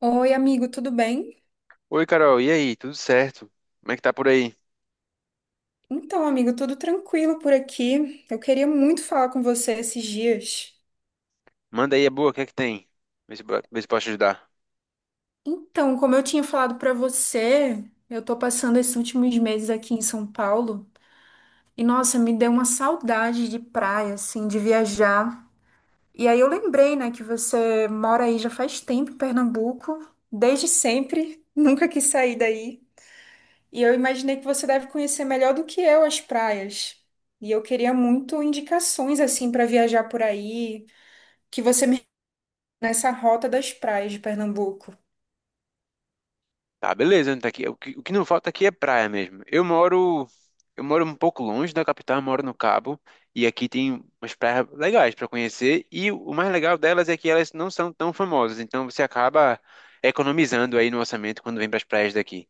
Oi, amigo, tudo bem? Oi, Carol, e aí? Tudo certo? Como é que tá por aí? Então, amigo, tudo tranquilo por aqui. Eu queria muito falar com você esses dias. Manda aí, é boa, o que é que tem? Vê se, vê se posso te ajudar. Então, como eu tinha falado pra você, eu tô passando esses últimos meses aqui em São Paulo e nossa, me deu uma saudade de praia, assim, de viajar. E aí eu lembrei, né, que você mora aí já faz tempo em Pernambuco, desde sempre, nunca quis sair daí. E eu imaginei que você deve conhecer melhor do que eu as praias. E eu queria muito indicações assim para viajar por aí, que você me nessa rota das praias de Pernambuco. Tá, beleza, então tá aqui. O que não falta aqui é praia mesmo. Eu moro um pouco longe da capital, eu moro no Cabo, e aqui tem umas praias legais pra conhecer, e o mais legal delas é que elas não são tão famosas, então você acaba economizando aí no orçamento quando vem pras praias daqui.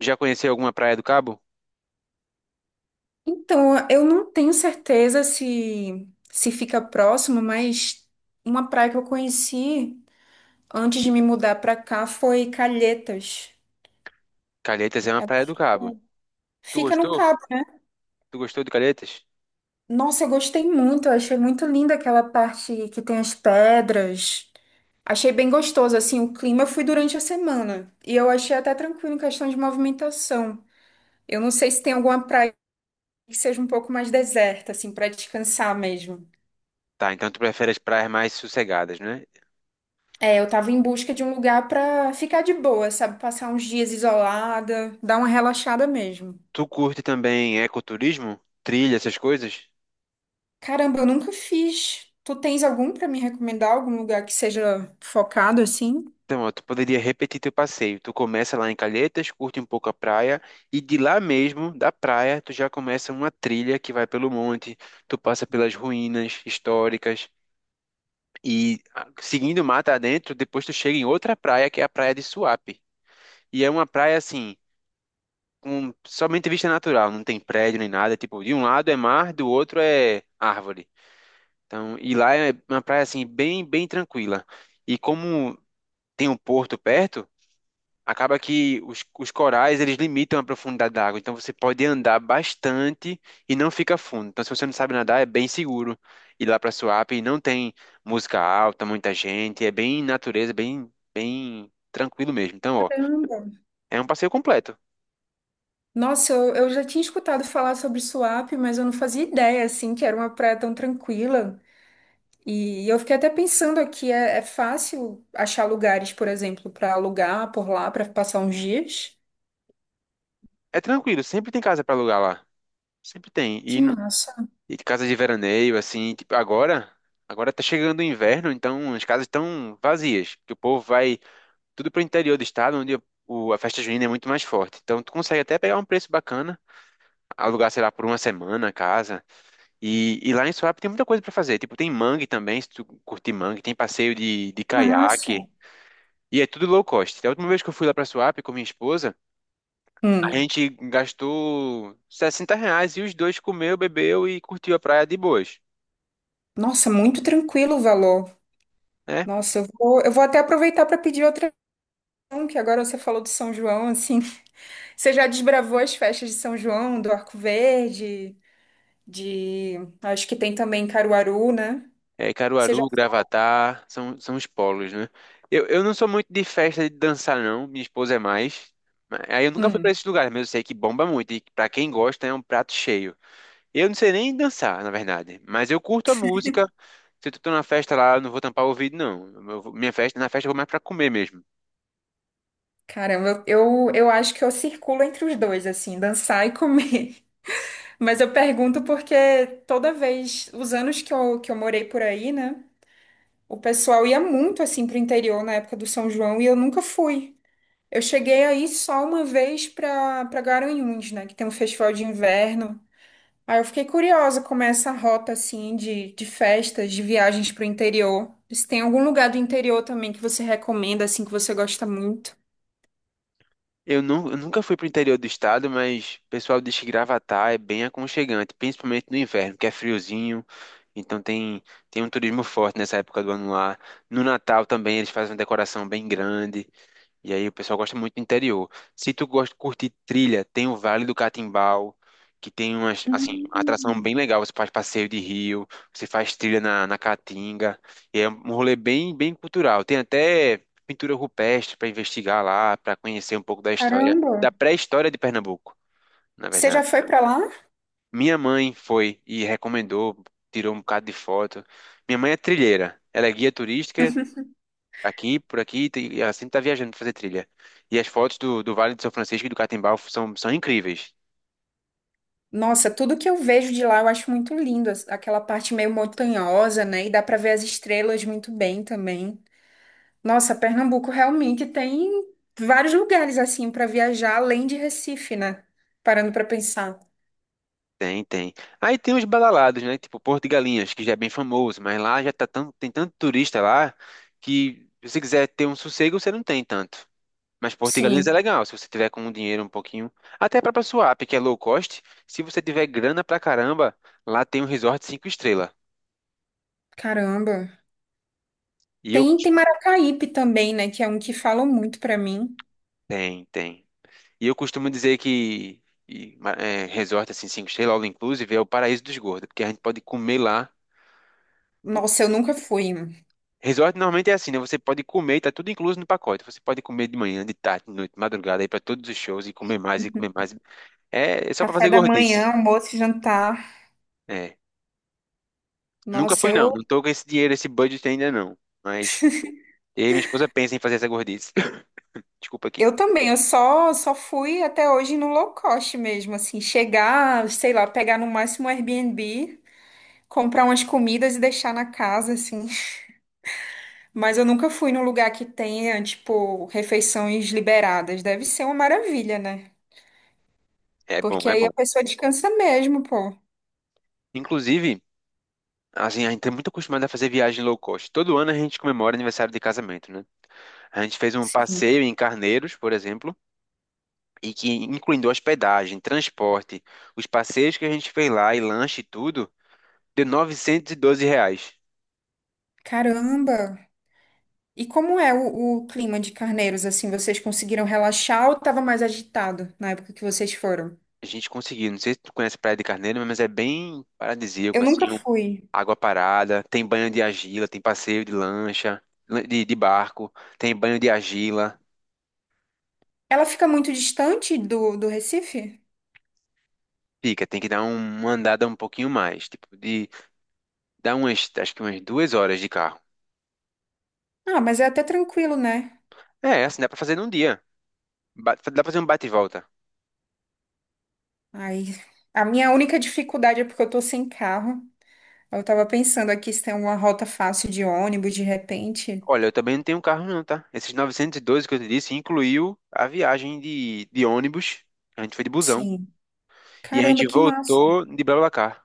Já conheceu alguma praia do Cabo? Então, eu não tenho certeza se fica próximo, mas uma praia que eu conheci antes de me mudar para cá foi Calhetas. Calhetas é uma É, praia do Cabo. Tu fica no gostou? Cabo, né? Tu gostou de Calhetas? Nossa, eu gostei muito, eu achei muito linda aquela parte que tem as pedras. Achei bem gostoso, assim, o clima. Eu fui durante a semana e eu achei até tranquilo em questão de movimentação. Eu não sei se tem alguma praia que seja um pouco mais deserta, assim, para descansar mesmo. Tá, então tu prefere as praias mais sossegadas, né? É, eu tava em busca de um lugar para ficar de boa, sabe? Passar uns dias isolada, dar uma relaxada mesmo. Tu curte também ecoturismo? Trilha, essas coisas? Caramba, eu nunca fiz. Tu tens algum para me recomendar? Algum lugar que seja focado assim? Então, ó, tu poderia repetir teu passeio. Tu começa lá em Calhetas, curte um pouco a praia, e de lá mesmo, da praia, tu já começa uma trilha que vai pelo monte, tu passa pelas ruínas históricas, e ah, seguindo mata adentro, depois tu chega em outra praia, que é a praia de Suape. E é uma praia assim, com somente vista natural, não tem prédio nem nada. Tipo, de um lado é mar, do outro é árvore. Então, e lá é uma praia assim bem bem tranquila. E como tem um porto perto, acaba que os corais eles limitam a profundidade da água. Então você pode andar bastante e não fica fundo. Então se você não sabe nadar é bem seguro ir lá para Suape. Não tem música alta, muita gente. É bem natureza, bem bem tranquilo mesmo. Então ó, Caramba. é um passeio completo. Nossa, eu já tinha escutado falar sobre Suape, mas eu não fazia ideia, assim, que era uma praia tão tranquila. E eu fiquei até pensando aqui, é, é fácil achar lugares, por exemplo, para alugar por lá, para passar uns dias? É tranquilo. Sempre tem casa para alugar lá. Sempre tem. E Que massa. E casa de veraneio, assim, tipo, agora tá chegando o inverno, então as casas estão vazias, que o povo vai tudo pro interior do estado, onde a festa junina é muito mais forte. Então tu consegue até pegar um preço bacana, alugar, sei lá, por uma semana a casa. E lá em Suape tem muita coisa pra fazer, tipo, tem mangue também, se tu curtir mangue, tem passeio de Massa. caiaque, e é tudo low cost. A última vez que eu fui lá pra Suape com minha esposa, a Hum, gente gastou R$60 e os dois comeu, bebeu e curtiu a praia de boas, nossa, muito tranquilo o valor. né? Nossa, eu vou até aproveitar para pedir outra opção, que agora você falou de São João, assim. Você já desbravou as festas de São João, do Arco Verde, de. Acho que tem também em Caruaru, né? É, Você já. Caruaru, Gravatá, são os polos, né? Eu não sou muito de festa de dançar, não. Minha esposa é mais. Aí eu nunca fui pra Hum, esses lugares, mas eu sei que bomba muito. E pra quem gosta, é um prato cheio. Eu não sei nem dançar, na verdade. Mas eu curto a música. Se eu tô numa festa lá, eu não vou tampar o ouvido, não. Eu vou- minha festa, na festa eu vou mais pra comer mesmo. caramba, eu acho que eu circulo entre os dois, assim, dançar e comer. Mas eu pergunto porque toda vez, os anos que eu morei por aí, né? O pessoal ia muito assim pro interior na época do São João e eu nunca fui. Eu cheguei aí só uma vez pra Garanhuns, né? Que tem um festival de inverno. Aí eu fiquei curiosa como é essa rota assim de festas, de viagens pro interior. Se tem algum lugar do interior também que você recomenda, assim, que você gosta muito? Eu nunca fui pro interior do estado, mas o pessoal diz que Gravatá é bem aconchegante, principalmente no inverno, que é friozinho, então tem um turismo forte nessa época do ano lá. No Natal também eles fazem uma decoração bem grande. E aí o pessoal gosta muito do interior. Se tu gosta de curtir trilha, tem o Vale do Catimbau, que tem assim, uma atração bem Hum. legal. Você faz passeio de rio, você faz trilha na Caatinga. E é um rolê bem, bem cultural. Tem até pintura rupestre para investigar lá, para conhecer um pouco da história, Caramba! da pré-história de Pernambuco, na Você já verdade. foi pra lá? Minha mãe foi e recomendou, tirou um bocado de foto. Minha mãe é trilheira. Ela é guia turística aqui, por aqui, ela sempre tá viajando pra fazer trilha. E as fotos do Vale de São Francisco e do Catimbau são incríveis. Nossa, tudo que eu vejo de lá eu acho muito lindo, as- aquela parte meio montanhosa, né? E dá para ver as estrelas muito bem também. Nossa, Pernambuco realmente tem vários lugares assim para viajar além de Recife, né? Parando para pensar. Tem, tem. Aí tem os badalados, né? Tipo Porto de Galinhas, que já é bem famoso, mas lá já tá tem tanto turista lá que se você quiser ter um sossego, você não tem tanto. Mas Porto de Galinhas é Sim, legal, se você tiver com um dinheiro um pouquinho. Até a própria Suape, que é low cost, se você tiver grana pra caramba, lá tem um resort cinco estrelas. caramba. E eu. Tem, tem Maracaípe também, né? Que é um que falam muito para mim. Tem, tem. E eu costumo dizer que resort assim, cinco estrelas, all inclusive, é o paraíso dos gordos, porque a gente pode comer lá. O Nossa, eu nunca fui. resort normalmente é assim, né? Você pode comer, tá tudo incluso no pacote. Você pode comer de manhã, de tarde, de noite, de madrugada, ir pra todos os shows e comer mais e comer mais. É só pra Café fazer da gordice. manhã, almoço e jantar. É. Nunca Nossa, fui, não. eu Não tô com esse dinheiro, esse budget ainda, não. Mas eu e minha esposa pensa em fazer essa gordice. Desculpa aqui. Eu também, eu só fui até hoje no low cost mesmo, assim, chegar, sei lá, pegar no máximo um Airbnb, comprar umas comidas e deixar na casa, assim. Mas eu nunca fui num lugar que tenha, tipo, refeições liberadas. Deve ser uma maravilha, né? É bom, Porque é aí bom. a pessoa descansa mesmo, pô. Inclusive, assim, a gente é muito acostumado a fazer viagem low cost. Todo ano a gente comemora aniversário de casamento, né? A gente fez um Sim. passeio em Carneiros, por exemplo, e que incluindo hospedagem, transporte, os passeios que a gente fez lá e lanche e tudo, deu R$912. Caramba! E como é o clima de Carneiros, assim, vocês conseguiram relaxar ou tava mais agitado na época que vocês foram? A gente conseguiu. Não sei se tu conhece a Praia de Carneiro, mas é bem paradisíaco, Eu nunca assim, fui. água parada, tem banho de argila, tem passeio de lancha, de barco, tem banho de argila. Ela fica muito distante do Recife? Fica, tem que dar uma andada um pouquinho mais, tipo, de dar acho que umas 2 horas de carro. Ah, mas é até tranquilo, né? É, assim, dá pra fazer num dia. Dá pra fazer um bate e volta. Ai, a minha única dificuldade é porque eu tô sem carro. Eu tava pensando aqui se tem alguma rota fácil de ônibus de repente. Olha, eu também não tenho carro não, tá? Esses 912 que eu te disse incluiu a viagem de ônibus. A gente foi de busão. Sim. E a Caramba, gente que massa. voltou de BlaBlaCar.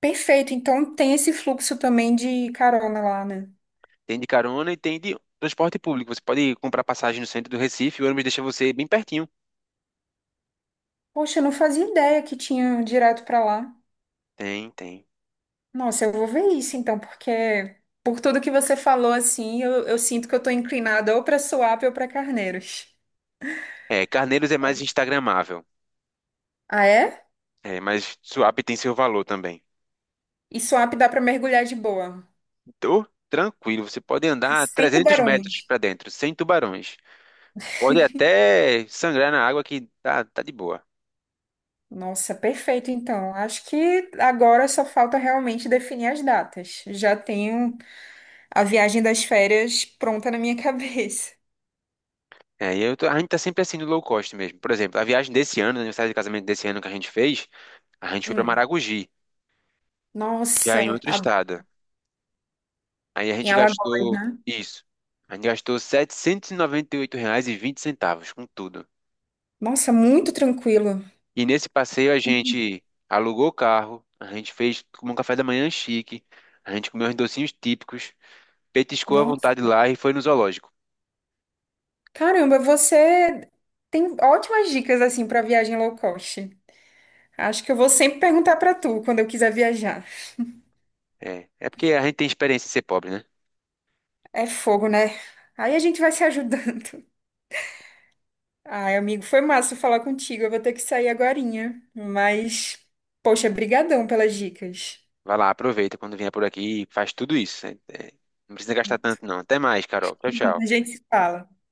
Perfeito. Então tem esse fluxo também de carona lá, né? Tem de carona e tem de transporte público. Você pode comprar passagem no centro do Recife, o ônibus deixa você bem pertinho. Poxa, eu não fazia ideia que tinha direto pra lá. Tem, tem. Nossa, eu vou ver isso então, porque por tudo que você falou assim, eu sinto que eu tô inclinada ou pra Suape ou pra Carneiros. É, Carneiros é mais instagramável. Ah, é? É, mas Suape tem seu valor também. E swap dá para mergulhar de boa. Então, tranquilo, você pode andar Sem 300 metros tubarões. pra dentro, sem tubarões. Pode até sangrar na água que tá de boa. Nossa, perfeito então. Acho que agora só falta realmente definir as datas. Já tenho a viagem das férias pronta na minha cabeça. É, a gente tá sempre assim no low cost mesmo. Por exemplo, a viagem desse ano, o aniversário de casamento desse ano que a gente fez, a gente foi pra Hum. Maragogi, já em Nossa, outro a- estado. Aí a em gente Alagoas, gastou né? isso. A gente gastou R$ 798,20 com tudo. Nossa, muito tranquilo. E nesse passeio a gente alugou o carro, a gente fez um café da manhã chique, a gente comeu uns docinhos típicos, petiscou à Nossa, vontade lá e foi no zoológico. caramba, você tem ótimas dicas assim para viagem low cost. Acho que eu vou sempre perguntar para tu quando eu quiser viajar. É porque a gente tem experiência em ser pobre, né? É fogo, né? Aí a gente vai se ajudando. Ai, amigo, foi massa falar contigo. Eu vou ter que sair agorinha. Mas, poxa, brigadão pelas dicas. Vai lá, aproveita quando vier por aqui e faz tudo isso. É, não precisa gastar tanto, não. Até mais, Carol. Tchau, tchau. A gente se fala.